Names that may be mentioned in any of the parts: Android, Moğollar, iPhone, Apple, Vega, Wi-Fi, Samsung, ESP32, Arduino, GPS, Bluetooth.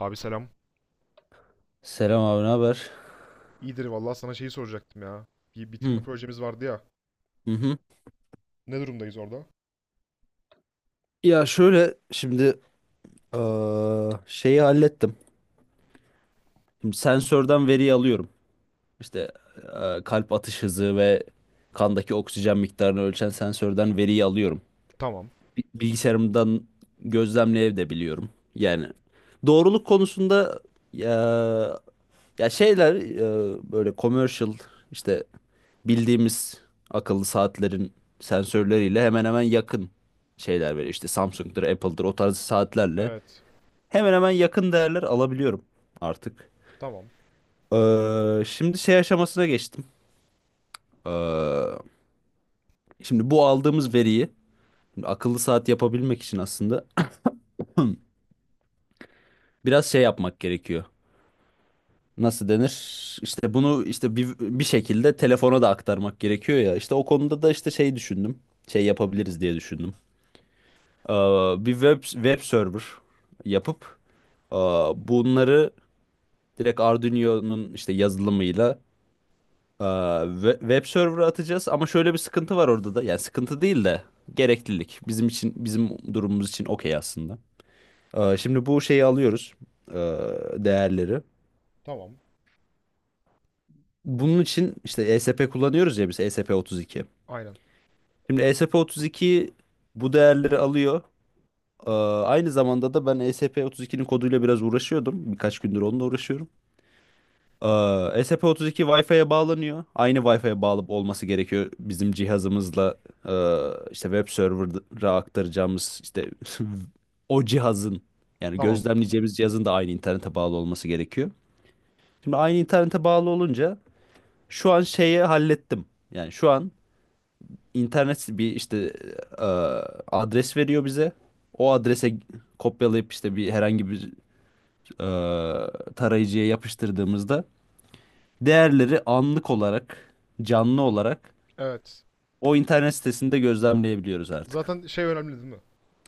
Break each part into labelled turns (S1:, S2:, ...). S1: Abi selam.
S2: Selam abi, ne haber?
S1: İyidir vallahi sana şeyi soracaktım ya. Bir bitirme
S2: Hı
S1: projemiz vardı ya.
S2: hı. Hı.
S1: Ne durumdayız orada?
S2: Ya şöyle şimdi şeyi hallettim. Şimdi sensörden veriyi alıyorum. İşte kalp atış hızı ve kandaki oksijen miktarını ölçen sensörden veriyi alıyorum.
S1: Tamam.
S2: Bilgisayarımdan gözlemleyebiliyorum. Yani doğruluk konusunda ya, ya şeyler böyle commercial işte bildiğimiz akıllı saatlerin sensörleriyle hemen hemen yakın şeyler veriyor. İşte Samsung'dur, Apple'dır o tarz saatlerle
S1: Evet.
S2: hemen hemen yakın değerler alabiliyorum artık.
S1: Tamam.
S2: Şimdi şey aşamasına geçtim. Ee, şimdi bu aldığımız veriyi şimdi akıllı saat yapabilmek için aslında biraz şey yapmak gerekiyor. Nasıl denir? İşte bunu işte bir şekilde telefona da aktarmak gerekiyor ya. İşte o konuda da işte şey düşündüm. Şey yapabiliriz diye düşündüm. Ee, bir web server yapıp e, bunları direkt Arduino'nun işte yazılımıyla web server'a atacağız. Ama şöyle bir sıkıntı var orada da. Yani sıkıntı değil de gereklilik. Bizim için, bizim durumumuz için okey aslında. Şimdi bu şeyi alıyoruz. e, Değerleri.
S1: Tamam.
S2: Bunun için işte ESP kullanıyoruz ya biz, ESP32.
S1: Aynen.
S2: Şimdi ESP32 bu değerleri alıyor. Ee, aynı zamanda da ben E S P ESP32'nin koduyla biraz uğraşıyordum. Birkaç gündür onunla uğraşıyorum. Ee, ESP32 Wi-Fi'ye bağlanıyor. Aynı Wi-Fi'ye bağlı olması gerekiyor bizim cihazımızla, e, işte web server'a aktaracağımız işte o cihazın, yani
S1: Tamam.
S2: gözlemleyeceğimiz cihazın da aynı internete bağlı olması gerekiyor. Şimdi aynı internete bağlı olunca şu an şeyi hallettim. Yani şu an internet bir işte e, adres veriyor bize. O adrese kopyalayıp işte bir herhangi bir tarayıcıya yapıştırdığımızda değerleri anlık olarak, canlı olarak
S1: Evet.
S2: o internet sitesinde gözlemleyebiliyoruz artık.
S1: Zaten şey önemli değil mi?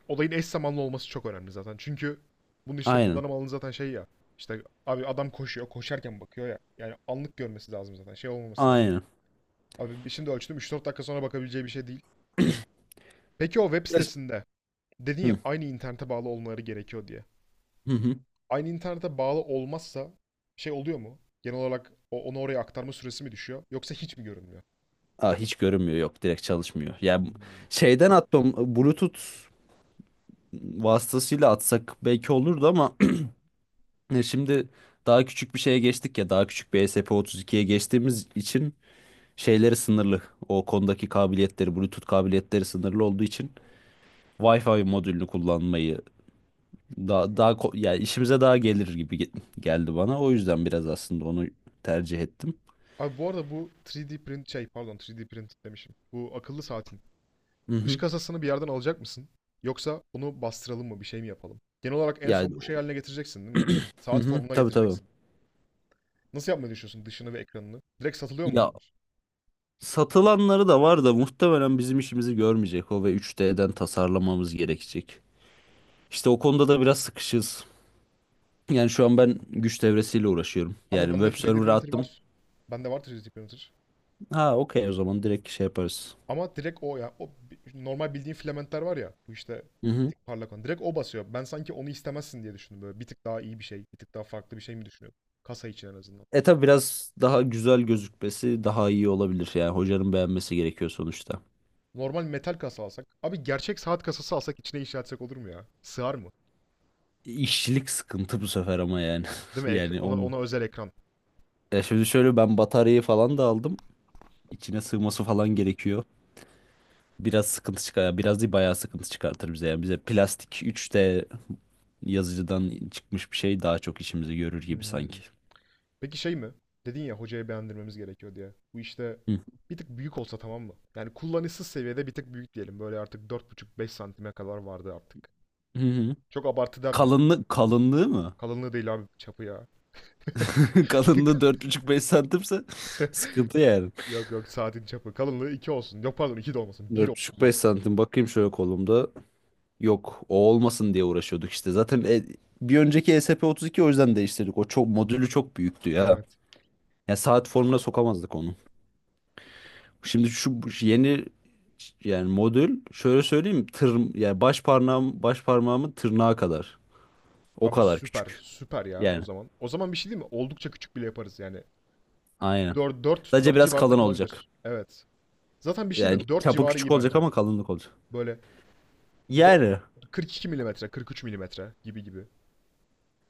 S1: Olayın eş zamanlı olması çok önemli zaten. Çünkü bunu işte
S2: Aynen.
S1: kullanım alanı zaten şey ya. İşte abi adam koşuyor. Koşarken bakıyor ya. Yani anlık görmesi lazım zaten. Şey olmaması lazım.
S2: Aynen.
S1: Abi şimdi ölçtüm. Üç dört dakika sonra bakabileceği bir şey değil. Peki o web
S2: Yaş-
S1: sitesinde dedin ya
S2: Hı
S1: aynı internete bağlı olmaları gerekiyor diye.
S2: hı. Hı.
S1: Aynı internete bağlı olmazsa şey oluyor mu? Genel olarak onu oraya aktarma süresi mi düşüyor? Yoksa hiç mi görünmüyor?
S2: Aa, hiç görünmüyor, yok, direkt çalışmıyor. Yani şeyden atmam, Bluetooth vasıtasıyla atsak belki olurdu ama Şimdi daha küçük bir şeye geçtik ya, daha küçük bir ESP32'ye geçtiğimiz için şeyleri sınırlı. O konudaki kabiliyetleri, Bluetooth kabiliyetleri sınırlı olduğu için Wi-Fi modülünü kullanmayı daha yani işimize daha gelir gibi geldi bana. O yüzden biraz aslında onu tercih ettim.
S1: Abi bu arada bu 3D print şey pardon 3D print demişim. Bu akıllı saatin
S2: Hı
S1: dış
S2: hı.
S1: kasasını bir yerden alacak mısın? Yoksa bunu bastıralım mı bir şey mi yapalım? Genel olarak en
S2: Yani
S1: son bu şey haline getireceksin değil mi?
S2: hı
S1: Saat
S2: hı,
S1: formuna
S2: tabii tabii.
S1: getireceksin. Nasıl yapmayı düşünüyorsun dışını ve ekranını? Direkt satılıyor mu
S2: Ya
S1: bunlar?
S2: satılanları da var da muhtemelen bizim işimizi görmeyecek o, ve 3D'den tasarlamamız gerekecek. İşte o konuda da biraz sıkışız. Yani şu an ben güç devresiyle uğraşıyorum.
S1: Abi
S2: Yani
S1: bende
S2: web
S1: 3D
S2: server'a
S1: printer
S2: attım.
S1: var. Bende var 3D printer.
S2: Ha okey, o zaman direkt şey yaparız.
S1: Ama direkt o ya. O normal bildiğin filamentler var ya. Bu işte
S2: Hı
S1: bir
S2: hı.
S1: tık parlak olan. Direkt o basıyor. Ben sanki onu istemezsin diye düşündüm böyle. Bir tık daha iyi bir şey, bir tık daha farklı bir şey mi düşünüyordum? Kasa için en azından.
S2: E tabi biraz daha güzel gözükmesi daha iyi olabilir. Yani hocanın beğenmesi gerekiyor sonuçta.
S1: Normal metal kasa alsak. Abi gerçek saat kasası alsak içine inşa etsek olur mu ya? Sığar mı?
S2: İşçilik sıkıntı bu sefer ama yani.
S1: Değil mi?
S2: Yani
S1: Ona,
S2: onu.
S1: ona özel ekran.
S2: Ya şimdi şöyle, ben bataryayı falan da aldım. İçine sığması falan gerekiyor. Biraz sıkıntı çıkar. Biraz değil, bayağı sıkıntı çıkartır bize. Yani bize plastik 3D yazıcıdan çıkmış bir şey daha çok işimizi görür gibi sanki.
S1: Hmm. Peki şey mi? Dedin ya hocaya beğendirmemiz gerekiyor diye. Bu işte
S2: Hı
S1: bir tık büyük olsa tamam mı? Yani kullanışsız seviyede bir tık büyük diyelim. Böyle artık 4,5-5 santime kadar vardı artık.
S2: hı. Hı.
S1: Çok abartı der mi ya?
S2: Kalınlık, kalınlığı mı?
S1: Kalınlığı değil abi çapı ya.
S2: Kalınlığı dört buçuk beş santimse sıkıntı yani.
S1: Yok yok saatin çapı. Kalınlığı 2 olsun. Yok pardon 2 de olmasın. Bir
S2: Dört
S1: olsun
S2: buçuk beş
S1: maksimum.
S2: santim bakayım şöyle kolumda. Yok, o olmasın diye uğraşıyorduk işte. Zaten bir önceki ESP32, o yüzden değiştirdik. O çok, modülü çok büyüktü ya.
S1: Evet.
S2: Yani saat formuna sokamazdık onu. Şimdi şu bu yeni, yani modül şöyle söyleyeyim, tır yani, baş parmağım, baş parmağımın tırnağı kadar. O
S1: Abi
S2: kadar
S1: süper.
S2: küçük.
S1: Süper ya o
S2: Yani
S1: zaman. O zaman bir şey değil mi? Oldukça küçük bile yaparız yani.
S2: aynen.
S1: Dört 4
S2: Sadece
S1: 4
S2: biraz
S1: civarında
S2: kalın olacak.
S1: kalabilir. Evet. Zaten bir şey değil
S2: Yani
S1: mi? Dört
S2: çapı
S1: civarı
S2: küçük
S1: iyi
S2: olacak
S1: bence.
S2: ama kalınlık olacak.
S1: Böyle dört,
S2: Yani
S1: 42 milimetre, 43 milimetre gibi gibi.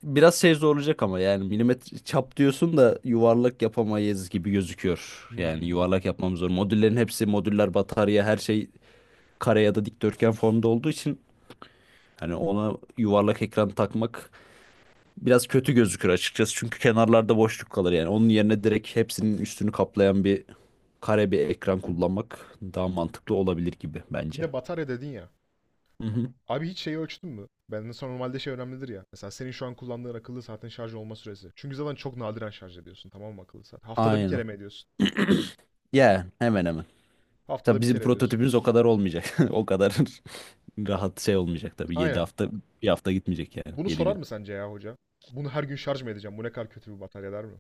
S2: biraz şey zorlayacak ama yani milimetre çap diyorsun da yuvarlak yapamayız gibi gözüküyor. Yani
S1: Hmm.
S2: yuvarlak yapmamız zor. Modüllerin hepsi, modüller, batarya, her şey kare ya da dikdörtgen formda olduğu için hani ona yuvarlak ekran takmak biraz kötü gözükür açıkçası. Çünkü kenarlarda boşluk kalır yani. Onun yerine direkt hepsinin üstünü kaplayan bir kare bir ekran kullanmak daha mantıklı olabilir gibi
S1: Bir
S2: bence.
S1: de batarya dedin ya.
S2: Hı hı.
S1: Abi hiç şeyi ölçtün mü? Ben mesela normalde şey önemlidir ya. Mesela senin şu an kullandığın akıllı saatin şarj olma süresi. Çünkü zaten çok nadiren şarj ediyorsun tamam mı akıllı saat? Haftada bir kere
S2: Aynen.
S1: mi ediyorsun?
S2: Yani hemen hemen. Tabii
S1: Haftada bir
S2: bizim
S1: kere ediyorsun.
S2: prototipimiz o kadar olmayacak. O kadar rahat şey olmayacak tabii. yedi
S1: Aynen.
S2: hafta bir hafta gitmeyecek yani.
S1: Bunu
S2: yedi
S1: sorar
S2: gün.
S1: mı sence ya hoca? Bunu her gün şarj mı edeceğim? Bu ne kadar kötü bir batarya der mi?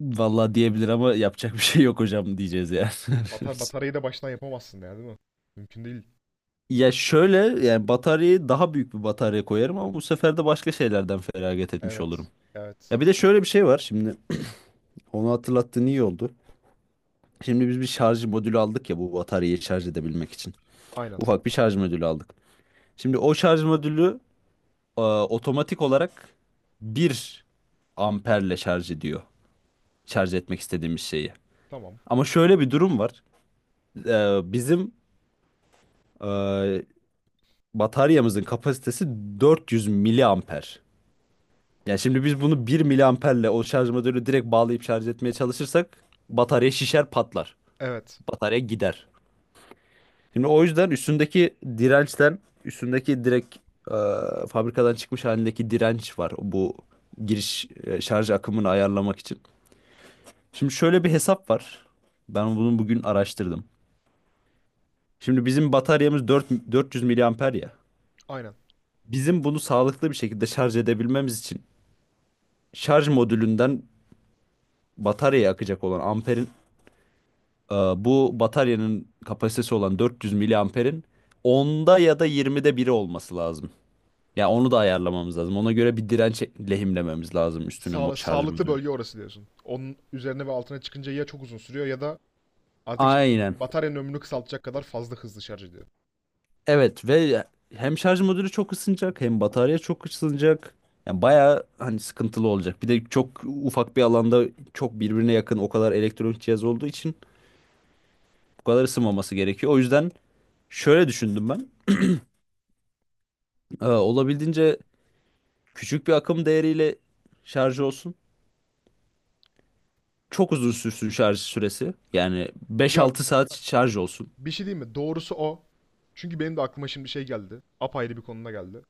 S2: Vallahi diyebilir ama yapacak bir şey yok hocam diyeceğiz yani.
S1: Bataryayı da baştan yapamazsın ya değil mi? Mümkün değil.
S2: Ya şöyle, yani bataryayı, daha büyük bir batarya koyarım ama bu sefer de başka şeylerden feragat etmiş olurum.
S1: Evet.
S2: Ya
S1: Evet.
S2: bir de şöyle bir şey var şimdi, onu hatırlattığın iyi oldu. Şimdi biz bir şarj modülü aldık ya bu bataryayı şarj edebilmek için.
S1: Aynen.
S2: Ufak bir şarj modülü aldık. Şimdi o şarj modülü otomatik olarak bir amperle şarj ediyor. Şarj etmek istediğimiz şeyi.
S1: Tamam.
S2: Ama şöyle bir durum var. Bizim e, bataryamızın kapasitesi 400 miliamper. Yani şimdi biz bunu bir miliamperle o şarj modülü direkt bağlayıp şarj etmeye çalışırsak batarya şişer, patlar.
S1: Evet.
S2: Batarya gider. Şimdi o yüzden üstündeki dirençten, üstündeki direkt e, fabrikadan çıkmış halindeki direnç var. Bu giriş şarj akımını ayarlamak için. Şimdi şöyle bir hesap var. Ben bunu bugün araştırdım. Şimdi bizim bataryamız 400 miliamper ya.
S1: Aynen.
S2: Bizim bunu sağlıklı bir şekilde şarj edebilmemiz için şarj modülünden bataryaya akacak olan amperin bu bataryanın kapasitesi olan 400 miliamperin onda ya da 20'de biri olması lazım. Ya onu da ayarlamamız lazım. Ona göre bir direnç lehimlememiz lazım üstüne,
S1: Sağ,
S2: şarj
S1: sağlıklı
S2: modülü.
S1: bölge orası diyorsun. Onun üzerine ve altına çıkınca ya çok uzun sürüyor ya da artık
S2: Aynen.
S1: bataryanın ömrünü kısaltacak kadar fazla hızlı şarj ediyor.
S2: Evet, ve hem şarj modülü çok ısınacak, hem batarya çok ısınacak. Yani bayağı hani sıkıntılı olacak. Bir de çok ufak bir alanda çok birbirine yakın o kadar elektronik cihaz olduğu için bu kadar ısınmaması gerekiyor. O yüzden şöyle düşündüm ben. Olabildiğince küçük bir akım değeriyle şarj olsun. Çok uzun sürsün şarj süresi. Yani beş
S1: Ya
S2: altı saat şarj olsun.
S1: bir şey değil mi? Doğrusu o. Çünkü benim de aklıma şimdi şey geldi. Apayrı bir konuna geldi.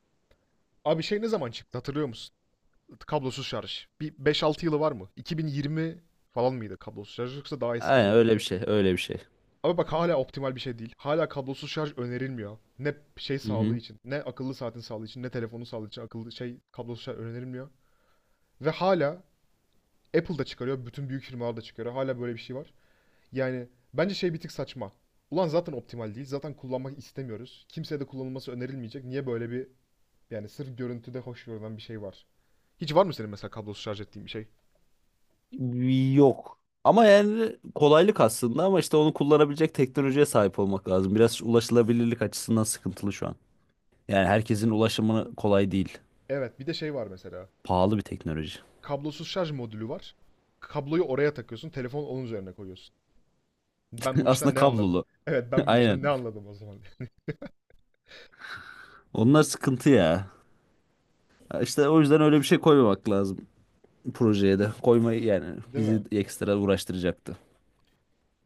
S1: Abi şey ne zaman çıktı hatırlıyor musun? Kablosuz şarj. Bir 5-6 yılı var mı? 2020 falan mıydı kablosuz şarj yoksa daha eski
S2: Aynen
S1: miydi?
S2: öyle bir şey, öyle bir şey.
S1: Ama bak hala optimal bir şey değil. Hala kablosuz şarj önerilmiyor. Ne şey
S2: Hı
S1: sağlığı
S2: hı.
S1: için, ne akıllı saatin sağlığı için, ne telefonun sağlığı için akıllı şey kablosuz şarj önerilmiyor. Ve hala Apple da çıkarıyor, bütün büyük firmalar da çıkarıyor. Hala böyle bir şey var. Yani bence şey bir tık saçma. Ulan zaten optimal değil. Zaten kullanmak istemiyoruz. Kimseye de kullanılması önerilmeyecek. Niye böyle bir yani sırf görüntüde hoş görünen bir şey var? Hiç var mı senin mesela kablosuz şarj ettiğin bir şey?
S2: Yok. Ama yani kolaylık aslında ama işte onu kullanabilecek teknolojiye sahip olmak lazım. Biraz ulaşılabilirlik açısından sıkıntılı şu an. Yani herkesin ulaşımı kolay değil.
S1: Evet, bir de şey var mesela.
S2: Pahalı bir teknoloji.
S1: Kablosuz şarj modülü var. Kabloyu oraya takıyorsun. Telefonu onun üzerine koyuyorsun. Ben bu işten
S2: Aslında
S1: ne anladım?
S2: kablolu.
S1: Evet ben bu işten ne
S2: Aynen.
S1: anladım o zaman?
S2: Onlar sıkıntı ya. Ya İşte o yüzden öyle bir şey koymamak lazım projeye de. Koymayı, yani
S1: Değil
S2: bizi
S1: mi?
S2: ekstra uğraştıracaktı.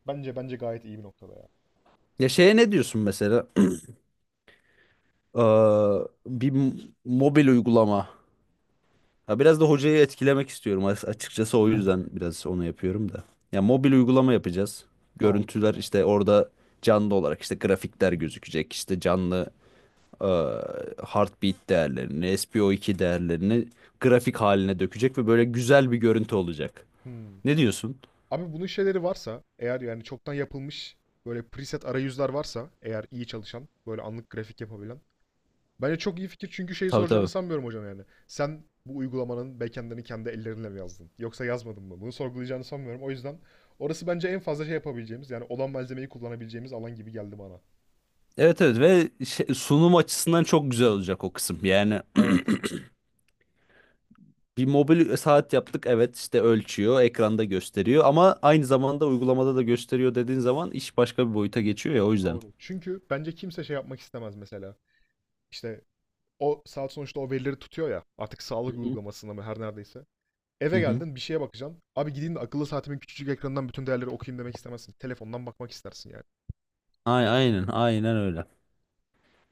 S1: Bence gayet iyi bir noktada ya.
S2: Ya şeye ne diyorsun mesela? Ee, bir mobil uygulama. Ha biraz da hocayı etkilemek istiyorum, açıkçası o yüzden biraz onu yapıyorum da. Ya mobil uygulama yapacağız.
S1: Tamam.
S2: Görüntüler işte orada canlı olarak işte grafikler gözükecek. İşte canlı e, heartbeat değerlerini, S P o iki değerlerini grafik haline dökecek ve böyle güzel bir görüntü olacak.
S1: Hmm.
S2: Ne diyorsun?
S1: Abi bunun şeyleri varsa eğer yani çoktan yapılmış böyle preset arayüzler varsa eğer iyi çalışan böyle anlık grafik yapabilen. Bence çok iyi fikir çünkü şeyi
S2: Tabii
S1: soracağını
S2: tabii.
S1: sanmıyorum hocam yani. Sen bu uygulamanın backend'ini kendi ellerinle mi yazdın? Yoksa yazmadın mı? Bunu sorgulayacağını sanmıyorum. O yüzden orası bence en fazla şey yapabileceğimiz yani olan malzemeyi kullanabileceğimiz alan gibi geldi bana.
S2: Evet evet, ve sunum açısından çok güzel olacak o kısım. Yani
S1: Evet,
S2: bir mobil saat yaptık, evet işte ölçüyor, ekranda gösteriyor ama aynı zamanda uygulamada da gösteriyor dediğin zaman iş başka bir boyuta geçiyor ya, o yüzden.
S1: doğru. Çünkü bence kimse şey yapmak istemez mesela. İşte o saat sonuçta o verileri tutuyor ya artık
S2: Hı
S1: sağlık
S2: hı.
S1: uygulamasında mı her neredeyse.
S2: Hı
S1: Eve
S2: hı.
S1: geldin bir şeye bakacaksın. Abi gideyim de akıllı saatimin küçücük ekranından bütün değerleri okuyayım demek istemezsin. Telefondan bakmak istersin yani.
S2: Aynen, aynen öyle.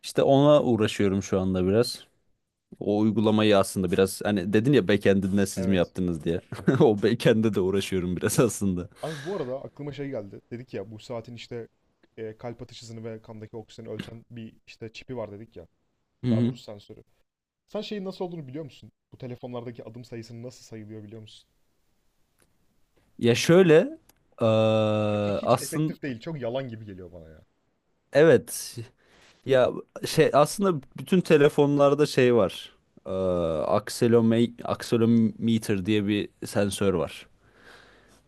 S2: İşte ona uğraşıyorum şu anda biraz. O uygulamayı aslında biraz, hani dedin ya backend'inde siz mi
S1: Evet.
S2: yaptınız diye. O backend'e de uğraşıyorum biraz aslında.
S1: Abi bu arada aklıma şey geldi. Dedik ya bu saatin işte kalp atış hızını ve kandaki oksijeni ölçen bir işte çipi var dedik ya.
S2: Hı
S1: Daha
S2: hı.
S1: doğrusu sensörü. Sen şeyin nasıl olduğunu biliyor musun? Bu telefonlardaki adım sayısının nasıl sayılıyor biliyor musun?
S2: Ya şöyle eee
S1: Çünkü hiç
S2: aslında,
S1: efektif değil. Çok yalan gibi geliyor bana ya.
S2: evet. Ya şey aslında bütün telefonlarda şey var. Ee, akselometer diye bir sensör var.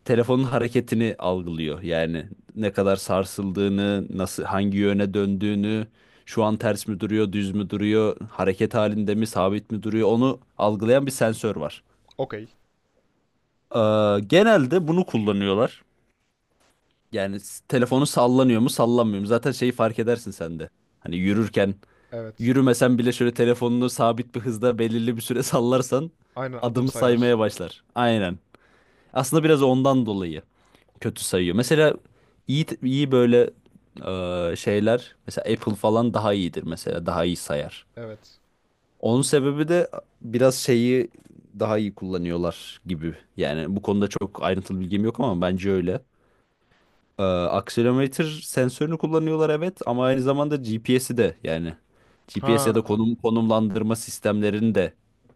S2: Telefonun hareketini algılıyor. Yani ne kadar sarsıldığını, nasıl, hangi yöne döndüğünü, şu an ters mi duruyor, düz mü duruyor, hareket halinde mi, sabit mi duruyor, onu algılayan bir sensör var.
S1: Okey.
S2: Genelde bunu kullanıyorlar. Yani telefonu sallanıyor mu, sallanmıyor mu? Zaten şeyi fark edersin sen de. Hani yürürken,
S1: Evet.
S2: yürümesen bile şöyle telefonunu sabit bir hızda belirli bir süre sallarsan
S1: Aynen adım
S2: adımı
S1: sayar.
S2: saymaya başlar. Aynen. Aslında biraz ondan dolayı kötü sayıyor. Mesela iyi iyi böyle şeyler, mesela Apple falan daha iyidir mesela, daha iyi sayar.
S1: Evet.
S2: Onun sebebi de biraz şeyi daha iyi kullanıyorlar gibi. Yani bu konuda çok ayrıntılı bilgim yok ama bence öyle. Akselerometre sensörünü kullanıyorlar, evet, ama aynı zamanda GPS'i de, yani GPS ya da
S1: Ha.
S2: konum, konumlandırma sistemlerini de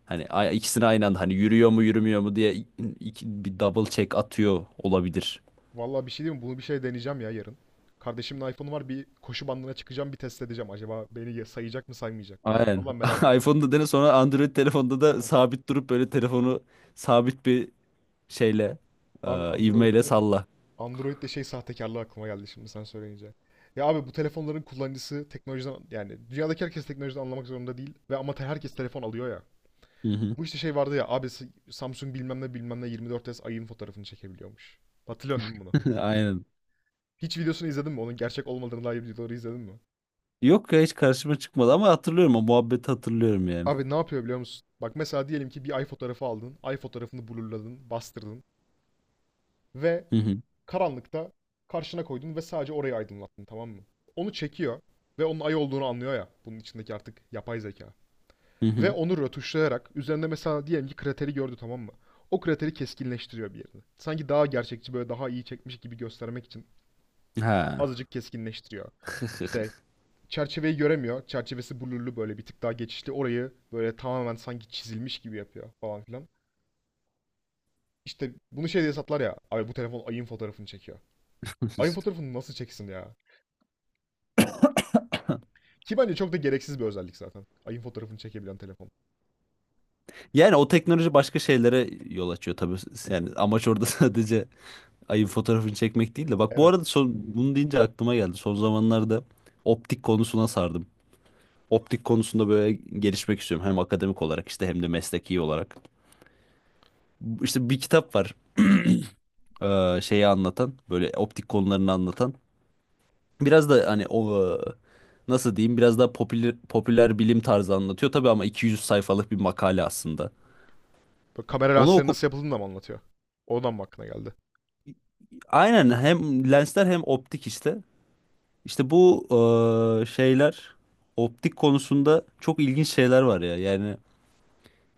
S2: hani ikisini aynı anda, hani yürüyor mu yürümüyor mu diye bir double check atıyor olabilir.
S1: Vallahi bir şey diyeyim mi? Bunu bir şey deneyeceğim ya yarın. Kardeşimin iPhone'u var. Bir koşu bandına çıkacağım. Bir test edeceğim. Acaba beni sayacak mı saymayacak mı?
S2: Aynen.
S1: Vallahi merak ettim.
S2: iPhone'da dene, sonra Android telefonda
S1: Değil
S2: da
S1: mi?
S2: sabit durup böyle telefonu sabit bir şeyle,
S1: Abi
S2: ivmeyle
S1: Android'de
S2: salla.
S1: Android'de şey sahtekarlığı aklıma geldi şimdi sen söyleyince. Ya abi bu telefonların kullanıcısı teknolojiden yani dünyadaki herkes teknolojiden anlamak zorunda değil ve ama herkes telefon alıyor ya.
S2: Hı hı.
S1: Bu işte şey vardı ya abi Samsung bilmem ne bilmem ne 24S ayın fotoğrafını çekebiliyormuş. Hatırlıyorsun değil mi bunu?
S2: Aynen.
S1: Hiç videosunu izledin mi? Onun gerçek olmadığını dair videoları izledin mi?
S2: Yok ya hiç karşıma çıkmadı ama hatırlıyorum, o muhabbeti hatırlıyorum yani.
S1: Abi ne yapıyor biliyor musun? Bak mesela diyelim ki bir ay fotoğrafı aldın. Ay fotoğrafını blurladın, bastırdın ve
S2: Hı hı.
S1: karanlıkta karşına koydun ve sadece orayı aydınlattın tamam mı? Onu çekiyor ve onun ay olduğunu anlıyor ya bunun içindeki artık yapay zeka.
S2: Hı
S1: Ve
S2: hı.
S1: onu rötuşlayarak üzerinde mesela diyelim ki krateri gördü tamam mı? O krateri keskinleştiriyor bir yerini. Sanki daha gerçekçi böyle daha iyi çekmiş gibi göstermek için
S2: Ha.
S1: azıcık keskinleştiriyor. İşte çerçeveyi göremiyor. Çerçevesi blurlu böyle bir tık daha geçişli. Orayı böyle tamamen sanki çizilmiş gibi yapıyor falan filan. İşte bunu şey diye satlar ya. Abi bu telefon ayın fotoğrafını çekiyor. Ayın fotoğrafını nasıl çeksin ya? Ki bence çok da gereksiz bir özellik zaten. Ayın fotoğrafını çekebilen telefon.
S2: Yani o teknoloji başka şeylere yol açıyor tabii. Yani amaç orada sadece ayın fotoğrafını çekmek değil de. Bak bu arada
S1: Evet.
S2: son, bunu deyince aklıma geldi. Son zamanlarda optik konusuna sardım. Optik konusunda böyle gelişmek istiyorum. Hem akademik olarak işte, hem de mesleki olarak. İşte bir kitap var. Şeyi anlatan, böyle optik konularını anlatan. Biraz da hani o nasıl diyeyim, biraz daha popüler, popüler bilim tarzı anlatıyor. Tabii ama 200 sayfalık bir makale aslında.
S1: Böyle kamera
S2: Onu
S1: lensleri
S2: oku.
S1: nasıl yapıldığını da mı anlatıyor? Oradan mı aklına geldi?
S2: Aynen, hem lensler hem optik işte. İşte bu şeyler, optik konusunda çok ilginç şeyler var ya. Yani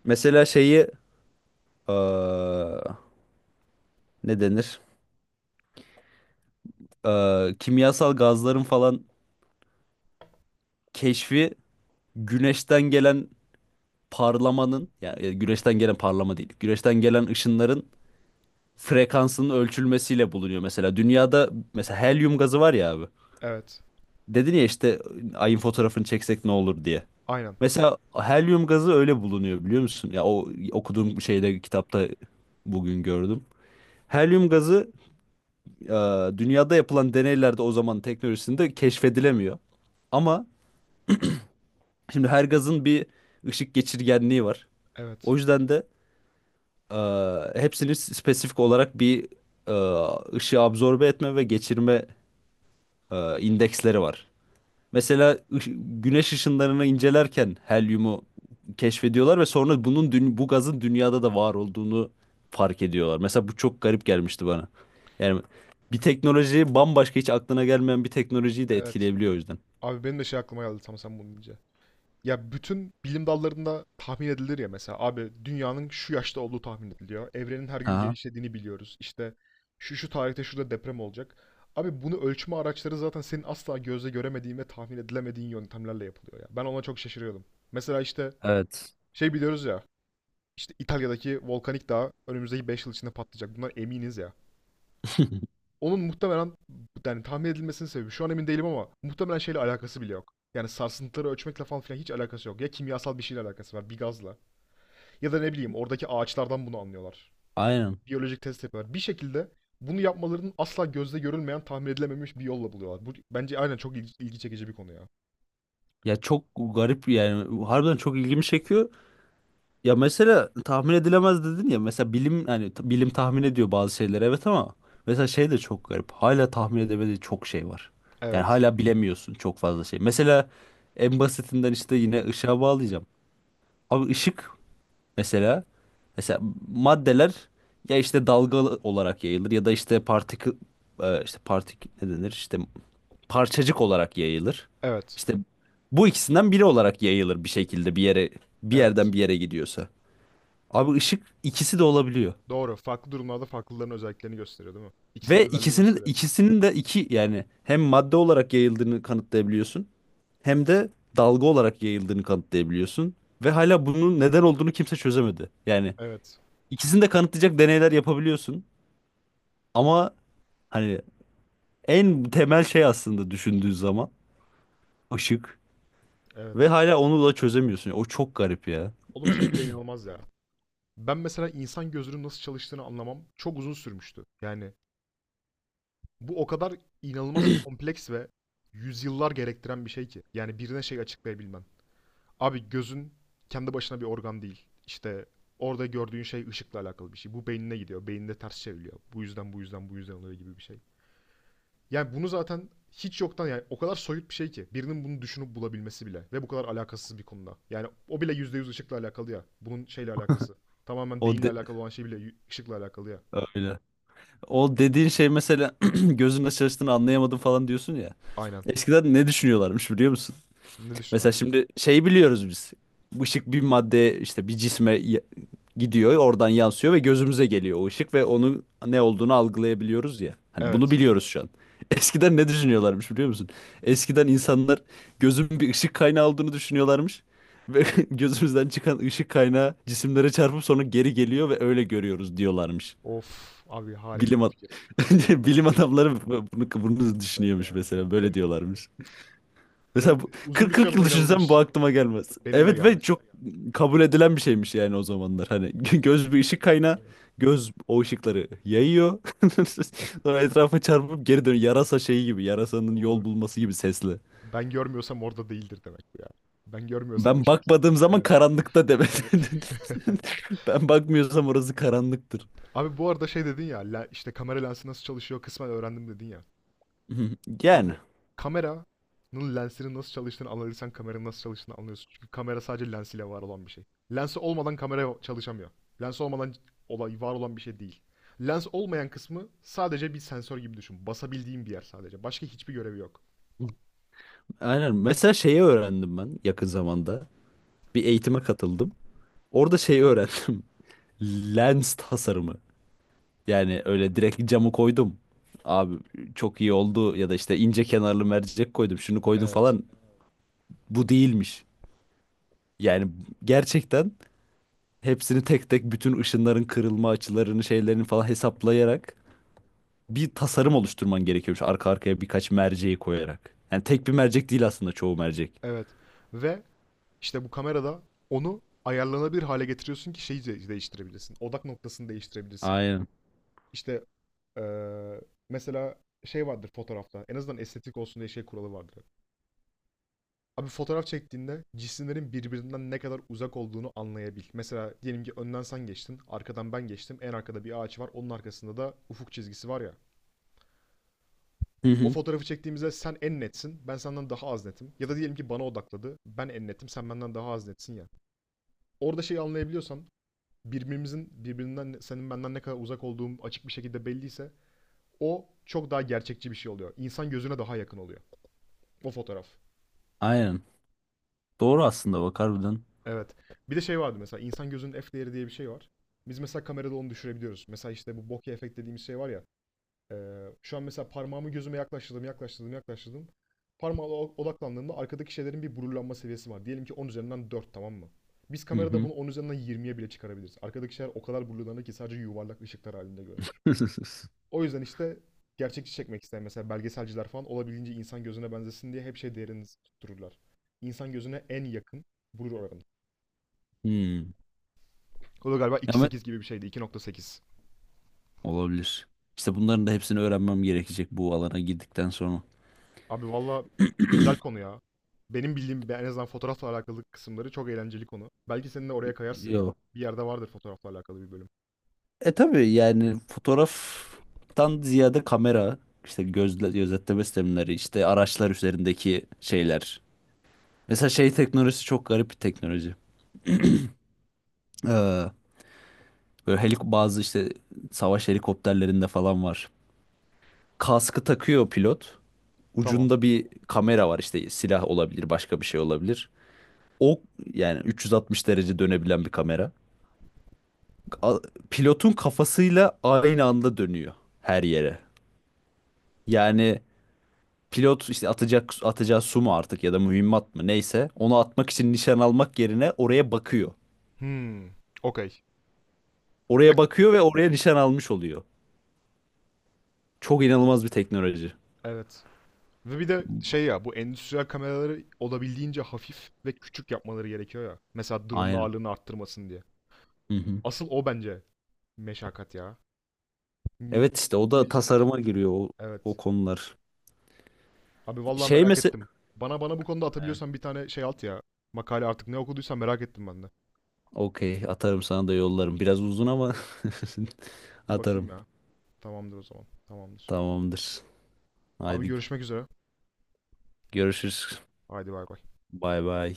S2: mesela şeyi eee, ne denir? Kimyasal gazların falan keşfi güneşten gelen parlamanın, yani güneşten gelen parlama değil. Güneşten gelen ışınların frekansının ölçülmesiyle bulunuyor mesela. Dünyada mesela helyum gazı var ya abi.
S1: Evet.
S2: Dedin ya işte ayın fotoğrafını çeksek ne olur diye.
S1: Aynen.
S2: Mesela helyum gazı öyle bulunuyor biliyor musun? Ya o okuduğum şeyde, kitapta bugün gördüm. Helyum gazı e, dünyada yapılan deneylerde o zaman teknolojisinde keşfedilemiyor. Ama şimdi her gazın bir ışık geçirgenliği var.
S1: Evet.
S2: O yüzden de e, hepsini spesifik olarak bir e, ışığı absorbe etme ve geçirme indeksleri var. Mesela güneş ışınlarını incelerken helyumu keşfediyorlar ve sonra bunun bu gazın dünyada da var olduğunu fark ediyorlar. Mesela bu çok garip gelmişti bana. Yani bir teknoloji bambaşka, hiç aklına gelmeyen bir teknolojiyi de
S1: Evet.
S2: etkileyebiliyor, o yüzden.
S1: Abi benim de şey aklıma geldi tam sen bunu deyince. Ya bütün bilim dallarında tahmin edilir ya mesela abi dünyanın şu yaşta olduğu tahmin ediliyor. Evrenin her gün
S2: Aha,
S1: genişlediğini biliyoruz. İşte şu şu tarihte şurada deprem olacak. Abi bunu ölçme araçları zaten senin asla gözle göremediğin ve tahmin edilemediğin yöntemlerle yapılıyor ya. Ben ona çok şaşırıyordum. Mesela işte
S2: evet.
S1: şey biliyoruz ya. İşte İtalya'daki volkanik dağ önümüzdeki 5 yıl içinde patlayacak. Bunlar eminiz ya. Onun muhtemelen yani tahmin edilmesinin sebebi şu an emin değilim ama muhtemelen şeyle alakası bile yok. Yani sarsıntıları ölçmekle falan filan hiç alakası yok. Ya kimyasal bir şeyle alakası var, bir gazla. Ya da ne bileyim oradaki ağaçlardan bunu anlıyorlar.
S2: Aynen.
S1: Biyolojik test yapıyorlar. Bir şekilde bunu yapmalarının asla gözle görülmeyen, tahmin edilememiş bir yolla buluyorlar. Bu bence aynen çok ilgi çekici bir konu ya.
S2: Ya çok garip yani, harbiden çok ilgimi çekiyor. Ya mesela tahmin edilemez dedin ya, mesela bilim, hani bilim tahmin ediyor bazı şeyleri, evet, ama mesela şey de çok garip. Hala tahmin edemediği çok şey var. Yani
S1: Evet.
S2: hala bilemiyorsun çok fazla şey. Mesela en basitinden işte yine ışığa bağlayacağım. Abi ışık mesela, mesela maddeler, ya işte dalgalı olarak yayılır ya da işte işte ne denir işte, parçacık olarak yayılır.
S1: Evet.
S2: İşte bu ikisinden biri olarak yayılır bir şekilde bir yere, bir
S1: Evet.
S2: yerden bir yere gidiyorsa. Abi ışık ikisi de olabiliyor.
S1: Doğru. Farklı durumlarda farklıların özelliklerini gösteriyor değil mi? İkisinin de
S2: Ve
S1: özelliğini
S2: ikisinin
S1: gösteriyor.
S2: ikisinin de iki, yani hem madde olarak yayıldığını kanıtlayabiliyorsun, hem de dalga olarak yayıldığını kanıtlayabiliyorsun ve hala bunun neden olduğunu kimse çözemedi. Yani
S1: Evet.
S2: ikisini de kanıtlayacak deneyler yapabiliyorsun ama hani en temel şey aslında düşündüğün zaman ışık, ve
S1: Evet.
S2: hala onu da çözemiyorsun. O çok garip ya.
S1: Oğlum şey bile inanılmaz ya. Ben mesela insan gözünün nasıl çalıştığını anlamam çok uzun sürmüştü. Yani bu o kadar inanılmaz kompleks ve yüzyıllar gerektiren bir şey ki. Yani birine şey açıklayabilmen. Abi gözün kendi başına bir organ değil. İşte orada gördüğün şey ışıkla alakalı bir şey. Bu beynine gidiyor. Beyninde ters çevriliyor. Bu yüzden oluyor gibi bir şey. Yani bunu zaten hiç yoktan yani o kadar soyut bir şey ki birinin bunu düşünüp bulabilmesi bile ve bu kadar alakasız bir konuda. Yani o bile %100 ışıkla alakalı ya. Bunun şeyle alakası. Tamamen
S2: O
S1: beyinle
S2: de-
S1: alakalı olan şey bile ışıkla alakalı ya.
S2: öyle. O dediğin şey mesela gözün nasıl çalıştığını anlayamadım falan diyorsun ya.
S1: Aynen.
S2: Eskiden ne düşünüyorlarmış biliyor musun?
S1: Ne
S2: Mesela
S1: düşünüyorsun abi?
S2: şimdi şey biliyoruz biz. Işık bir madde, işte bir cisme gidiyor, oradan yansıyor ve gözümüze geliyor o ışık, ve onun ne olduğunu algılayabiliyoruz ya. Hani bunu
S1: Evet.
S2: biliyoruz şu an. Eskiden ne düşünüyorlarmış biliyor musun? Eskiden insanlar gözün bir ışık kaynağı olduğunu düşünüyorlarmış ve gözümüzden çıkan ışık kaynağı cisimlere çarpıp sonra geri geliyor ve öyle görüyoruz diyorlarmış.
S1: Of abi harika
S2: Bilim
S1: bir
S2: ad-
S1: fikir.
S2: bilim
S1: Gıh,
S2: adamları bunu
S1: Evet
S2: düşünüyormuş
S1: ya.
S2: mesela,
S1: Ka-
S2: böyle diyorlarmış.
S1: Ve
S2: Mesela bu,
S1: uzun bir süre
S2: 40-40 yıl
S1: buna
S2: düşünsem bu
S1: inanılmış.
S2: aklıma gelmez.
S1: Benim de
S2: Evet ve
S1: gelmez.
S2: çok kabul edilen bir şeymiş yani o
S1: Evet,
S2: zamanlar. Hani göz bir ışık kaynağı,
S1: evet,
S2: göz o ışıkları yayıyor. Sonra etrafa çarpıp geri dönüyor.
S1: evet.
S2: Yarasa şeyi gibi, yarasanın
S1: Doğru.
S2: yol bulması gibi sesli.
S1: Ben görmüyorsam orada değildir demek bu ya. Ben görmüyorsam
S2: Ben
S1: ışık.
S2: bakmadığım zaman
S1: Evet,
S2: karanlıkta demek.
S1: evet.
S2: Ben bakmıyorsam orası karanlıktır.
S1: Abi bu arada şey dedin ya, işte kamera lensi nasıl çalışıyor kısmen öğrendim dedin ya. Abi
S2: Yani
S1: kameranın lensinin nasıl çalıştığını anlarsan kameranın nasıl çalıştığını anlıyorsun. Çünkü kamera sadece lensiyle var olan bir şey. Lensi olmadan kamera çalışamıyor. Lens olmadan olay var olan bir şey değil. Lens olmayan kısmı sadece bir sensör gibi düşün. Basabildiğin bir yer sadece. Başka hiçbir görevi yok.
S2: aynen. Mesela şeyi öğrendim ben yakın zamanda. Bir eğitime katıldım. Orada şeyi öğrendim. Lens tasarımı. Yani öyle direkt camı koydum. Abi çok iyi oldu ya da işte ince kenarlı mercek koydum, şunu koydum
S1: Evet.
S2: falan. Bu değilmiş. Yani gerçekten hepsini tek tek, bütün ışınların kırılma açılarını, şeylerini falan hesaplayarak bir tasarım oluşturman gerekiyormuş arka arkaya birkaç merceği koyarak. Yani tek bir mercek değil aslında, çoğu mercek.
S1: Evet. Ve işte bu kamerada onu ayarlanabilir hale getiriyorsun ki şeyi değiştirebilirsin. Odak noktasını değiştirebilirsin.
S2: Aynen.
S1: İşte eee, mesela şey vardır fotoğrafta. En azından estetik olsun diye şey kuralı vardır. Abi fotoğraf çektiğinde cisimlerin birbirinden ne kadar uzak olduğunu anlayabil. Mesela diyelim ki önden sen geçtin, arkadan ben geçtim. En arkada bir ağaç var, onun arkasında da ufuk çizgisi var ya.
S2: Hı
S1: O
S2: hı.
S1: fotoğrafı çektiğimizde sen en netsin, ben senden daha az netim. Ya da diyelim ki bana odakladı, ben en netim, sen benden daha az netsin ya. Orada şeyi anlayabiliyorsan, birbirimizin birbirinden senin benden ne kadar uzak olduğum açık bir şekilde belliyse o çok daha gerçekçi bir şey oluyor. İnsan gözüne daha yakın oluyor. O fotoğraf.
S2: Aynen. Doğru aslında, bak harbiden.
S1: Evet. Bir de şey vardı mesela insan gözünün f değeri diye bir şey var. Biz mesela kamerada onu düşürebiliyoruz. Mesela işte bu bokeh efekt dediğimiz şey var ya. Şu an mesela parmağımı gözüme yaklaştırdım, yaklaştırdım, yaklaştırdım. Parmağıma odaklandığımda arkadaki şeylerin bir blurlanma seviyesi var. Diyelim ki 10 üzerinden 4 tamam mı? Biz
S2: Hı
S1: kamerada
S2: hı.
S1: bunu 10 üzerinden yirmiye bile çıkarabiliriz. Arkadaki şeyler o kadar blurlanır ki sadece yuvarlak ışıklar halinde görünür. O yüzden işte gerçekçi çekmek isteyen mesela belgeselciler falan olabildiğince insan gözüne benzesin diye hep şey değerini tuttururlar. İnsan gözüne en yakın burur oranı.
S2: Hmm.
S1: O da galiba iki nokta
S2: Ama
S1: sekiz gibi bir şeydi. 2.8.
S2: olabilir. İşte bunların da hepsini öğrenmem gerekecek bu alana girdikten sonra.
S1: Abi valla güzel konu ya. Benim bildiğim en azından fotoğrafla alakalı kısımları çok eğlenceli konu. Belki senin de oraya kayarsın ya.
S2: Yok.
S1: Bir yerde vardır fotoğrafla alakalı bir bölüm.
S2: E tabii, yani fotoğraftan ziyade kamera, işte gözle, gözetleme sistemleri, işte
S1: Evet.
S2: araçlar üzerindeki şeyler. Mesela şey teknolojisi çok garip bir teknoloji. Ee, böyle bazı işte savaş helikopterlerinde falan var. Kaskı takıyor pilot.
S1: Tamam.
S2: Ucunda bir kamera var, işte silah olabilir, başka bir şey olabilir. O yani 360 derece dönebilen bir kamera. A- Pilotun kafasıyla aynı anda dönüyor her yere. Yani pilot işte atacağı su mu artık, ya da mühimmat mı neyse, onu atmak için nişan almak yerine oraya bakıyor.
S1: Hmm. Okey.
S2: Oraya bakıyor ve oraya nişan almış oluyor. Çok inanılmaz bir teknoloji.
S1: Evet. Ve bir de şey ya bu endüstriyel kameraları olabildiğince hafif ve küçük yapmaları gerekiyor ya. Mesela drone'un
S2: Aynen.
S1: ağırlığını arttırmasın diye.
S2: Hı hı.
S1: Asıl o bence meşakkat ya. Mi-
S2: Evet işte o da
S1: minicik olsun.
S2: tasarıma giriyor, o, o
S1: Evet.
S2: konular.
S1: Abi vallahi
S2: Şey
S1: merak
S2: mesela,
S1: ettim. Bana bu konuda atabiliyorsan bir tane şey at ya. Makale artık ne okuduysan merak ettim ben de.
S2: okey, atarım sana da yollarım. Biraz uzun ama
S1: Bir bakayım
S2: atarım.
S1: ya. Tamamdır o zaman. Tamamdır.
S2: Tamamdır.
S1: Abi
S2: Haydi
S1: görüşmek üzere.
S2: görüşürüz.
S1: Haydi bay bay.
S2: Bay bay.